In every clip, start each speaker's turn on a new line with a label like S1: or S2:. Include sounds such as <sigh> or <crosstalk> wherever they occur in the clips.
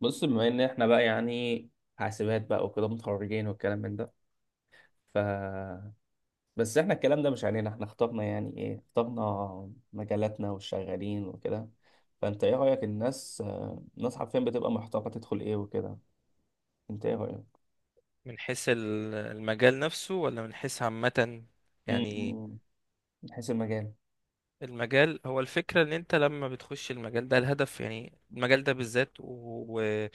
S1: بص بما ان احنا بقى يعني حاسبات بقى وكده متخرجين والكلام من ده. ف بس احنا الكلام ده مش علينا، احنا اخترنا يعني ايه، اخترنا مجالاتنا والشغالين وكده. فانت ايه رأيك؟ الناس الناس حرفيا بتبقى محتاره تدخل ايه وكده. انت ايه رأيك؟
S2: من حيث المجال نفسه ولا من حيث عامة؟
S1: م-
S2: يعني
S1: م- من حيث المجال.
S2: المجال هو الفكرة ان انت لما بتخش المجال ده الهدف، يعني المجال ده بالذات و... و...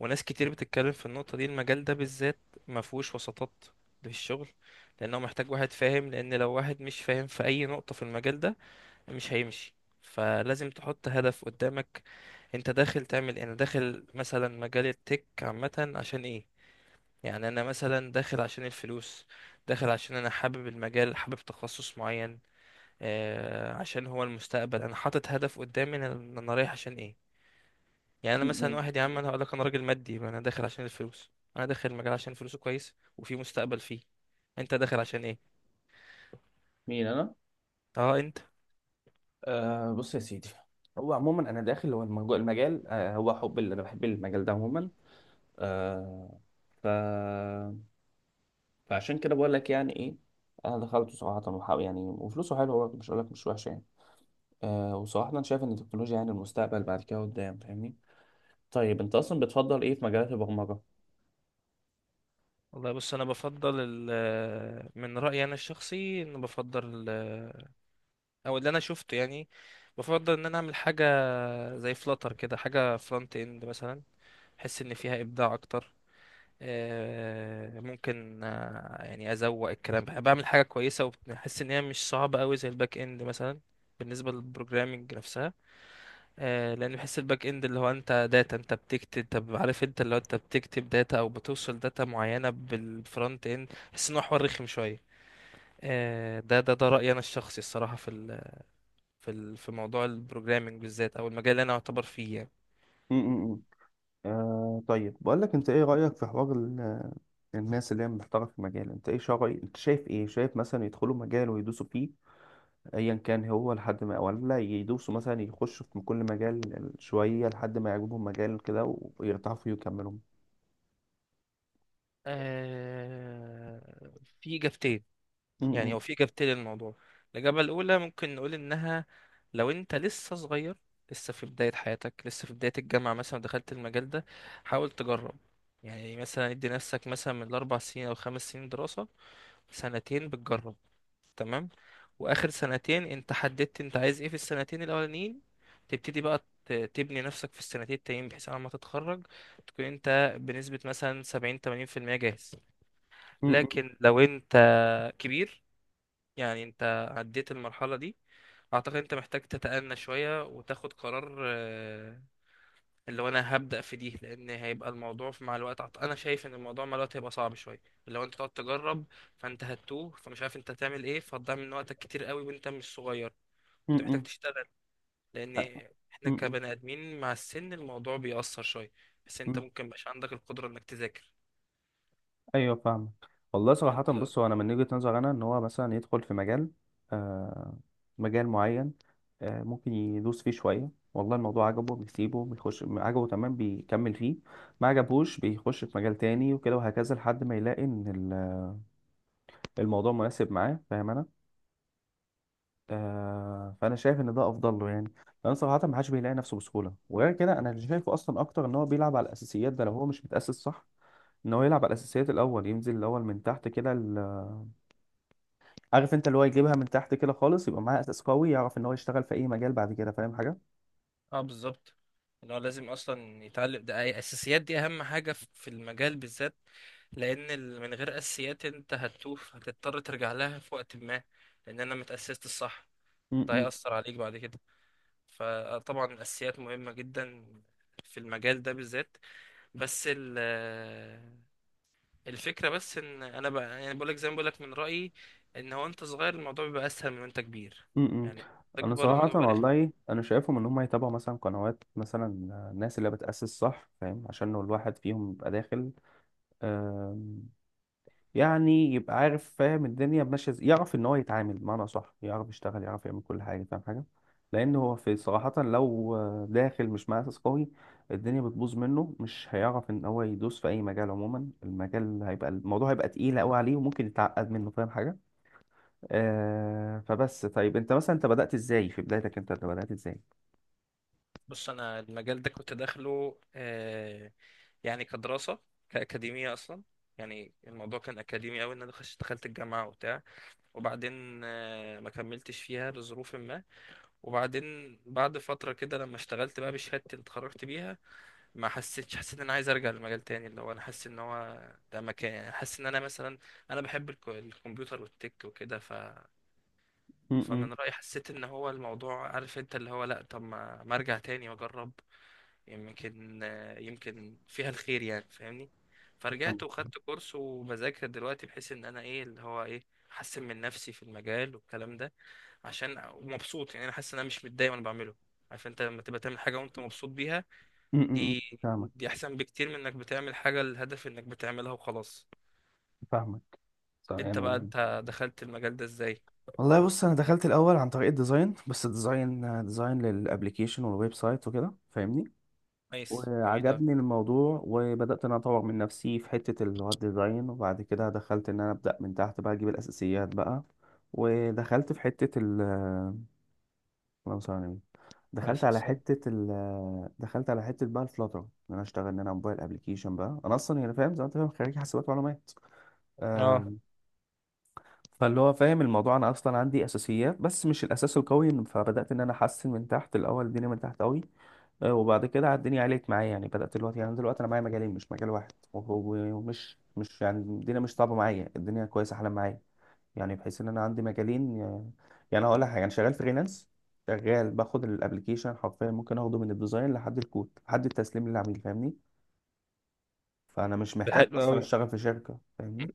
S2: وناس كتير بتتكلم في النقطة دي. المجال ده بالذات ما فيهوش وسطات في الشغل، لانه محتاج واحد فاهم، لان لو واحد مش فاهم في اي نقطة في المجال ده مش هيمشي. فلازم تحط هدف قدامك، انت داخل تعمل ايه؟ انا داخل مثلا مجال التك عامة عشان ايه؟ يعني انا مثلا داخل عشان الفلوس، داخل عشان انا حابب المجال، حابب تخصص معين، آه، عشان هو المستقبل. انا حاطط هدف قدامي، انا رايح عشان ايه. يعني انا
S1: م-
S2: مثلا
S1: م.
S2: واحد يا عم، انا هقول لك انا راجل مادي، ما انا داخل عشان الفلوس، انا داخل المجال عشان فلوسه كويس وفي مستقبل فيه. انت داخل عشان ايه؟
S1: مين انا؟
S2: اه انت.
S1: آه، بص يا سيدي. هو عموما انا داخل، هو المجال، هو حب اللي انا بحب المجال ده عموما. آه ف فعشان كده بقول لك يعني ايه، انا دخلته صراحه يعني، وفلوسه حلوه برضه، مش هقول لك مش وحشه يعني. وصراحه انا شايف ان التكنولوجيا يعني المستقبل بعد كده قدام، فاهمني؟ طيب انت اصلا بتفضل ايه في مجالات البرمجه؟
S2: والله بص، انا بفضل من رايي انا الشخصي ان بفضل او اللي انا شفته يعني، بفضل ان انا اعمل حاجه زي فلاتر كده، حاجه فرونت اند مثلا. احس ان فيها ابداع اكتر، ممكن، يعني ازوق الكلام، بحب بعمل حاجه كويسه، وبحس ان هي مش صعبه قوي زي الباك اند مثلا، بالنسبه للبروجرامينج نفسها. لان بحس الباك اند اللي هو انت داتا، انت بتكتب، طب عارف انت اللي هو انت بتكتب داتا او بتوصل داتا معينه بالفرونت اند، بحس ان هو حوار رخم شويه. ده رايي انا الشخصي الصراحه في ال في موضوع البروجرامينج بالذات، او المجال اللي انا اعتبر فيه يعني.
S1: امم. آه، طيب بقول لك، انت ايه رأيك في حوار الناس اللي هي محترفه في المجال؟ انت ايه شرعي، انت شايف ايه؟ شايف مثلا يدخلوا مجال ويدوسوا فيه ايا كان هو لحد ما، ولا يدوسوا مثلا يخشوا في كل مجال شوية لحد ما يعجبهم مجال كده ويرتاحوا فيه ويكملوا؟
S2: آه، في اجابتين، يعني
S1: امم.
S2: هو في إجابتين للموضوع. الإجابة الأولى ممكن نقول إنها لو أنت لسه صغير، لسه في بداية حياتك، لسه في بداية الجامعة مثلا، دخلت المجال ده، حاول تجرب. يعني مثلا ادي نفسك مثلا من الأربع سنين أو خمس سنين دراسة، سنتين بتجرب، تمام، واخر سنتين انت حددت انت عايز ايه. في السنتين الاولانيين تبتدي بقى تبني نفسك في السنتين التانيين، بحيث على ما تتخرج تكون انت بنسبة مثلا سبعين تمانين في المية جاهز.
S1: امم.
S2: لكن لو انت كبير، يعني انت عديت المرحلة دي، اعتقد انت محتاج تتأنى شوية وتاخد قرار. اللي هو انا هبدأ في دي، لان هيبقى الموضوع مع الوقت، انا شايف ان الموضوع مع الوقت هيبقى صعب شوية، اللي هو انت تقعد تجرب، فانت هتوه، فمش عارف انت هتعمل ايه، فهتضيع من وقتك كتير قوي وانت مش صغير، انت محتاج تشتغل. لان احنا
S1: امم.
S2: كبني ادمين مع السن الموضوع بيأثر شوية، بس انت
S1: مم.
S2: ممكن مش عندك القدرة انك تذاكر.
S1: ايوه، فاهمك. والله صراحة،
S2: انت
S1: بص، هو انا من وجهة نظر انا ان هو مثلا يدخل في مجال، آه مجال معين، آه، ممكن يدوس فيه شوية، والله الموضوع عجبه بيسيبه، بيخش عجبه تمام بيكمل فيه، ما عجبهوش بيخش في مجال تاني وكده وهكذا لحد ما يلاقي ان ال- الموضوع مناسب معاه، فاهم انا؟ فانا شايف ان ده افضل له يعني. لان صراحة ما حدش بيلاقي نفسه بسهولة. وغير كده، انا اللي شايفه اصلا اكتر ان هو بيلعب على الاساسيات. ده لو هو مش متأسس صح، ان هو يلعب على الاساسيات الاول، ينزل الاول من تحت كده. عارف انت اللي هو يجيبها من تحت كده خالص، يبقى معاه اساس قوي، يعرف ان هو يشتغل في اي مجال بعد كده، فاهم حاجه؟
S2: اه بالظبط، ان هو لازم اصلا يتعلم ده، اساسيات دي اهم حاجه في في المجال بالذات. لان من غير اساسيات انت هتتوه، هتضطر ترجع لها في وقت ما، لان انا متاسست الصح، ده
S1: امم.
S2: هيأثر عليك بعد كده. فطبعا الاساسيات مهمه جدا في المجال ده بالذات. بس ال آه، الفكره بس ان انا بقى يعني بقولك زي ما بقولك من رأيي، ان هو انت صغير الموضوع بيبقى اسهل من وانت كبير،
S1: امم.
S2: يعني
S1: انا
S2: تكبر الموضوع
S1: صراحه،
S2: بيبقى رخم.
S1: والله انا شايفهم ان هم يتابعوا مثلا قنوات، مثلا الناس اللي بتاسس صح، فاهم؟ عشان لو الواحد فيهم يبقى داخل يعني، يبقى عارف، فاهم الدنيا ماشيه ازاي، يعرف ان هو يتعامل بمعنى صح، يعرف يشتغل، يعرف يعمل كل حاجه، فاهم حاجه؟ لان هو في صراحه، لو داخل مش مع اساس قوي، الدنيا بتبوظ منه، مش هيعرف ان هو يدوس في اي مجال عموما. المجال هيبقى الموضوع هيبقى تقيل قوي عليه، وممكن يتعقد منه، فاهم حاجه؟ فبس طيب، انت مثلا انت بدات ازاي في بدايتك؟ انت بدات ازاي؟
S2: بص، انا المجال ده كنت داخله، يعني كدراسه كاكاديميه اصلا، يعني الموضوع كان اكاديمي قوي. ان انا دخلت الجامعه وبتاع، وبعدين ما كملتش فيها لظروف ما، وبعدين بعد فتره كده لما اشتغلت بقى بشهادتي اللي اتخرجت بيها، ما حسيتش، حسيت ان انا عايز ارجع لمجال تاني، اللي هو انا حاسس ان هو ده مكان، يعني حاسس ان انا مثلا انا بحب الكمبيوتر والتك وكده.
S1: م- م.
S2: فمن رأيي حسيت ان هو الموضوع، عارف انت اللي هو لا طب ما ارجع تاني واجرب، يمكن، يمكن فيها الخير يعني، فاهمني. فرجعت
S1: فاهمك.
S2: وخدت كورس وبذاكر دلوقتي، بحيث ان انا ايه اللي هو ايه، احسن من نفسي في المجال والكلام ده، عشان مبسوط يعني. انا حاسس ان انا مش متضايق وانا بعمله، عارف انت لما تبقى تعمل حاجه وانت مبسوط بيها،
S1: م- م- م.
S2: دي
S1: فاهمك.
S2: دي احسن بكتير من انك بتعمل حاجه الهدف انك بتعملها وخلاص.
S1: فاهمك. صح
S2: انت بقى
S1: يعني.
S2: انت دخلت المجال ده ازاي؟
S1: والله، بص، انا دخلت الاول عن طريق الديزاين. بس الديزاين، ديزاين للابليكيشن والويب سايت وكده، فاهمني؟
S2: كويس، جميل قوي.
S1: وعجبني الموضوع، وبدات ان انا اطور من نفسي في حته اللي هو الديزاين. وبعد كده دخلت ان انا ابدا من تحت بقى، اجيب الاساسيات بقى، ودخلت في حته ال... اللهم صل على النبي.
S2: عليه
S1: دخلت
S2: الصلاة
S1: على
S2: والسلام.
S1: حته ال... دخلت على حته بقى الفلاتر، ان انا اشتغل ان انا موبايل ابلكيشن بقى. انا اصلا يعني فاهم، زي ما انت فاهم، خريج حاسبات ومعلومات.
S2: اه،
S1: آه، فاللي هو فاهم الموضوع، انا اصلا عندي اساسيات بس مش الاساس القوي. فبدات ان انا احسن من تحت الاول، الدنيا من تحت قوي. وبعد كده على الدنيا عليت معايا يعني. بدات دلوقتي، يعني دلوقتي انا معايا مجالين مش مجال واحد. ومش مش يعني، الدنيا مش صعبه معايا، الدنيا كويسه، احلى معايا يعني. بحيث ان انا عندي مجالين. يعني هقول لك حاجه، انا شغال فريلانس، شغال باخد الابلكيشن حرفيا، ممكن اخده من الديزاين لحد الكود لحد التسليم للعميل، فاهمني؟ فانا مش
S2: ده
S1: محتاج
S2: حلو
S1: اصلا
S2: أوي.
S1: اشتغل في شركه، فاهمني؟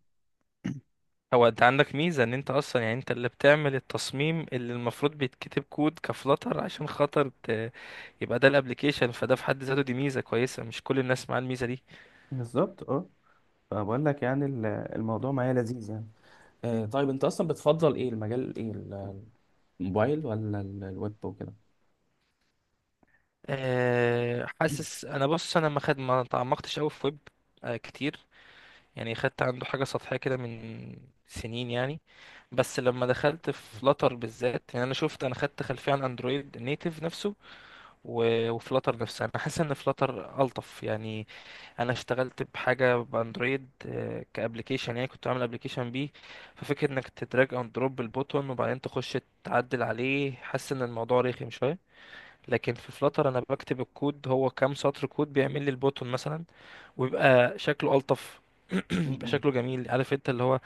S2: هو انت عندك ميزة ان انت اصلا، يعني انت اللي بتعمل التصميم اللي المفروض بيتكتب كود كفلتر عشان خاطر يبقى ده الابليكيشن، فده في حد ذاته دي ميزة كويسة، مش كل الناس معاها الميزة دي.
S1: بالظبط، اه. فبقول لك يعني الموضوع معايا لذيذ يعني. آه، طيب، انت اصلا بتفضل ايه، المجال ايه؟ الموبايل ولا الويب وكده؟
S2: أه حاسس انا، بص انا ما تعمقتش قوي في ويب أه كتير، يعني خدت عنده حاجة سطحية كده من سنين يعني. بس لما دخلت في فلاتر بالذات، يعني انا شفت، انا خدت خلفية عن اندرويد نيتيف نفسه، و... وفلاتر نفسها، انا حاسس ان فلاتر الطف يعني. انا اشتغلت بحاجه باندرويد، كابليكيشن، يعني كنت عامل ابليكيشن بيه، ففكره انك تدراج اند دروب البوتون وبعدين تخش تعدل عليه، حاسس ان الموضوع رخم شويه. لكن في فلاتر انا بكتب الكود، هو كام سطر كود بيعمل لي البوتون مثلا ويبقى شكله الطف، <clears throat> يبقى
S1: م-م.
S2: شكله جميل، عارف انت اللي هو،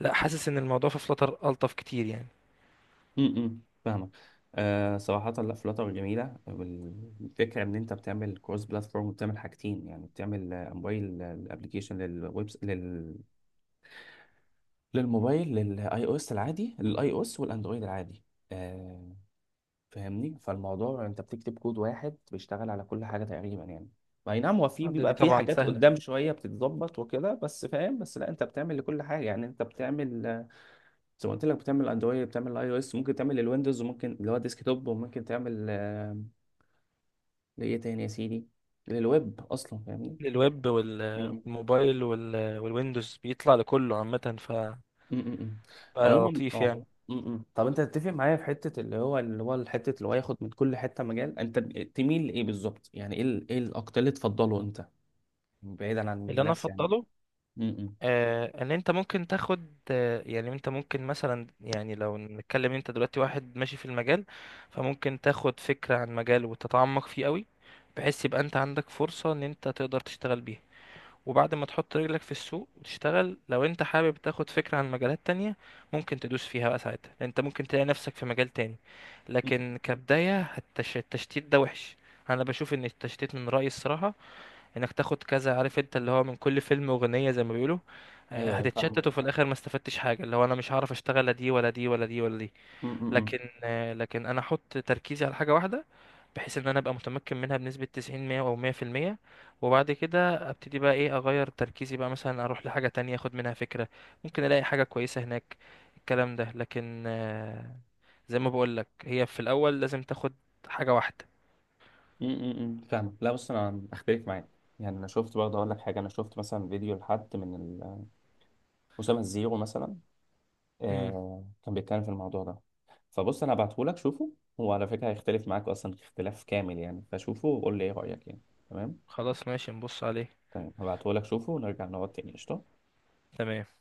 S2: لا حاسس ان الموضوع في فلاتر الطف كتير يعني.
S1: م-م. فاهمك. آه، صراحة لا، فلاتر جميلة. الفكرة ان انت بتعمل كروس بلاتفورم وبتعمل حاجتين يعني. بتعمل موبايل الابلكيشن، للويب، للموبايل، للاي او اس العادي، للاي او اس والاندرويد العادي، فاهمني؟ فالموضوع انت بتكتب كود واحد بيشتغل على كل حاجه تقريبا يعني. اي نعم، هو في
S2: دي
S1: بيبقى في
S2: طبعا
S1: حاجات
S2: سهله.
S1: قدام شويه بتتظبط وكده بس، فاهم؟ بس لا، انت بتعمل لكل حاجه يعني. انت بتعمل زي ما قلت لك، بتعمل اندرويد، بتعمل اي او اس، ممكن تعمل للويندوز، وممكن اللي هو ديسك توب، وممكن تعمل لايه تاني يا سيدي، للويب اصلا، فاهمني؟
S2: للويب
S1: مم.
S2: والموبايل والويندوز بيطلع لكله عامه، فبقى
S1: م- م- م. عموما
S2: لطيف
S1: اه.
S2: يعني.
S1: م- م. طب انت تتفق معايا في حته اللي هو حته اللي هو ياخد من كل حته مجال؟ انت تميل لايه بالظبط؟ يعني ايه ايه الاكتر اللي تفضله انت، بعيدا عن
S2: اللي انا
S1: الناس يعني؟
S2: افضله،
S1: امم.
S2: ان انت ممكن تاخد، يعني انت ممكن مثلا، يعني لو نتكلم انت دلوقتي واحد ماشي في المجال، فممكن تاخد فكرة عن مجال وتتعمق فيه قوي، بحيث يبقى انت عندك فرصة ان انت تقدر تشتغل بيها. وبعد ما تحط رجلك في السوق وتشتغل، لو انت حابب تاخد فكرة عن مجالات تانية ممكن تدوس فيها بقى ساعتها، لأن انت ممكن تلاقي نفسك في مجال تاني. لكن كبداية التش- التشتيت ده وحش، انا بشوف ان التشتيت من رأيي الصراحة، انك تاخد كذا، عارف انت اللي هو من كل فيلم اغنية زي ما بيقولوا،
S1: ايوه، أيوة، فاهمه.
S2: هتتشتت وفي الاخر ما استفدتش حاجة، اللي هو انا مش هعرف اشتغل لا دي ولا دي ولا دي ولا دي. لكن،
S1: امم.
S2: لكن انا احط تركيزي على حاجة واحدة، بحيث ان انا ابقى متمكن منها بنسبة 90 100 او 100%. وبعد كده ابتدي بقى ايه، اغير تركيزي بقى مثلا اروح لحاجة تانية اخد منها فكرة، ممكن الاقي حاجة كويسة هناك الكلام ده. لكن، زي ما بقولك، هي في الاول لازم تاخد حاجة واحدة.
S1: امم. فاهمه. لا، بص، انا اختلف معاك يعني. انا شفت برضه، اقول لك حاجه، انا شفت مثلا فيديو لحد من اسامه الزيرو مثلا.
S2: امم،
S1: كان بيتكلم في الموضوع ده. فبص، انا هبعته لك شوفه. هو على فكره هيختلف معاك اصلا اختلاف كامل يعني. فشوفه وقول لي ايه رايك يعني. تمام.
S2: خلاص ماشي، نبص عليه.
S1: تمام، هبعته لك شوفه، ونرجع نقعد تاني، قشطه.
S2: تمام.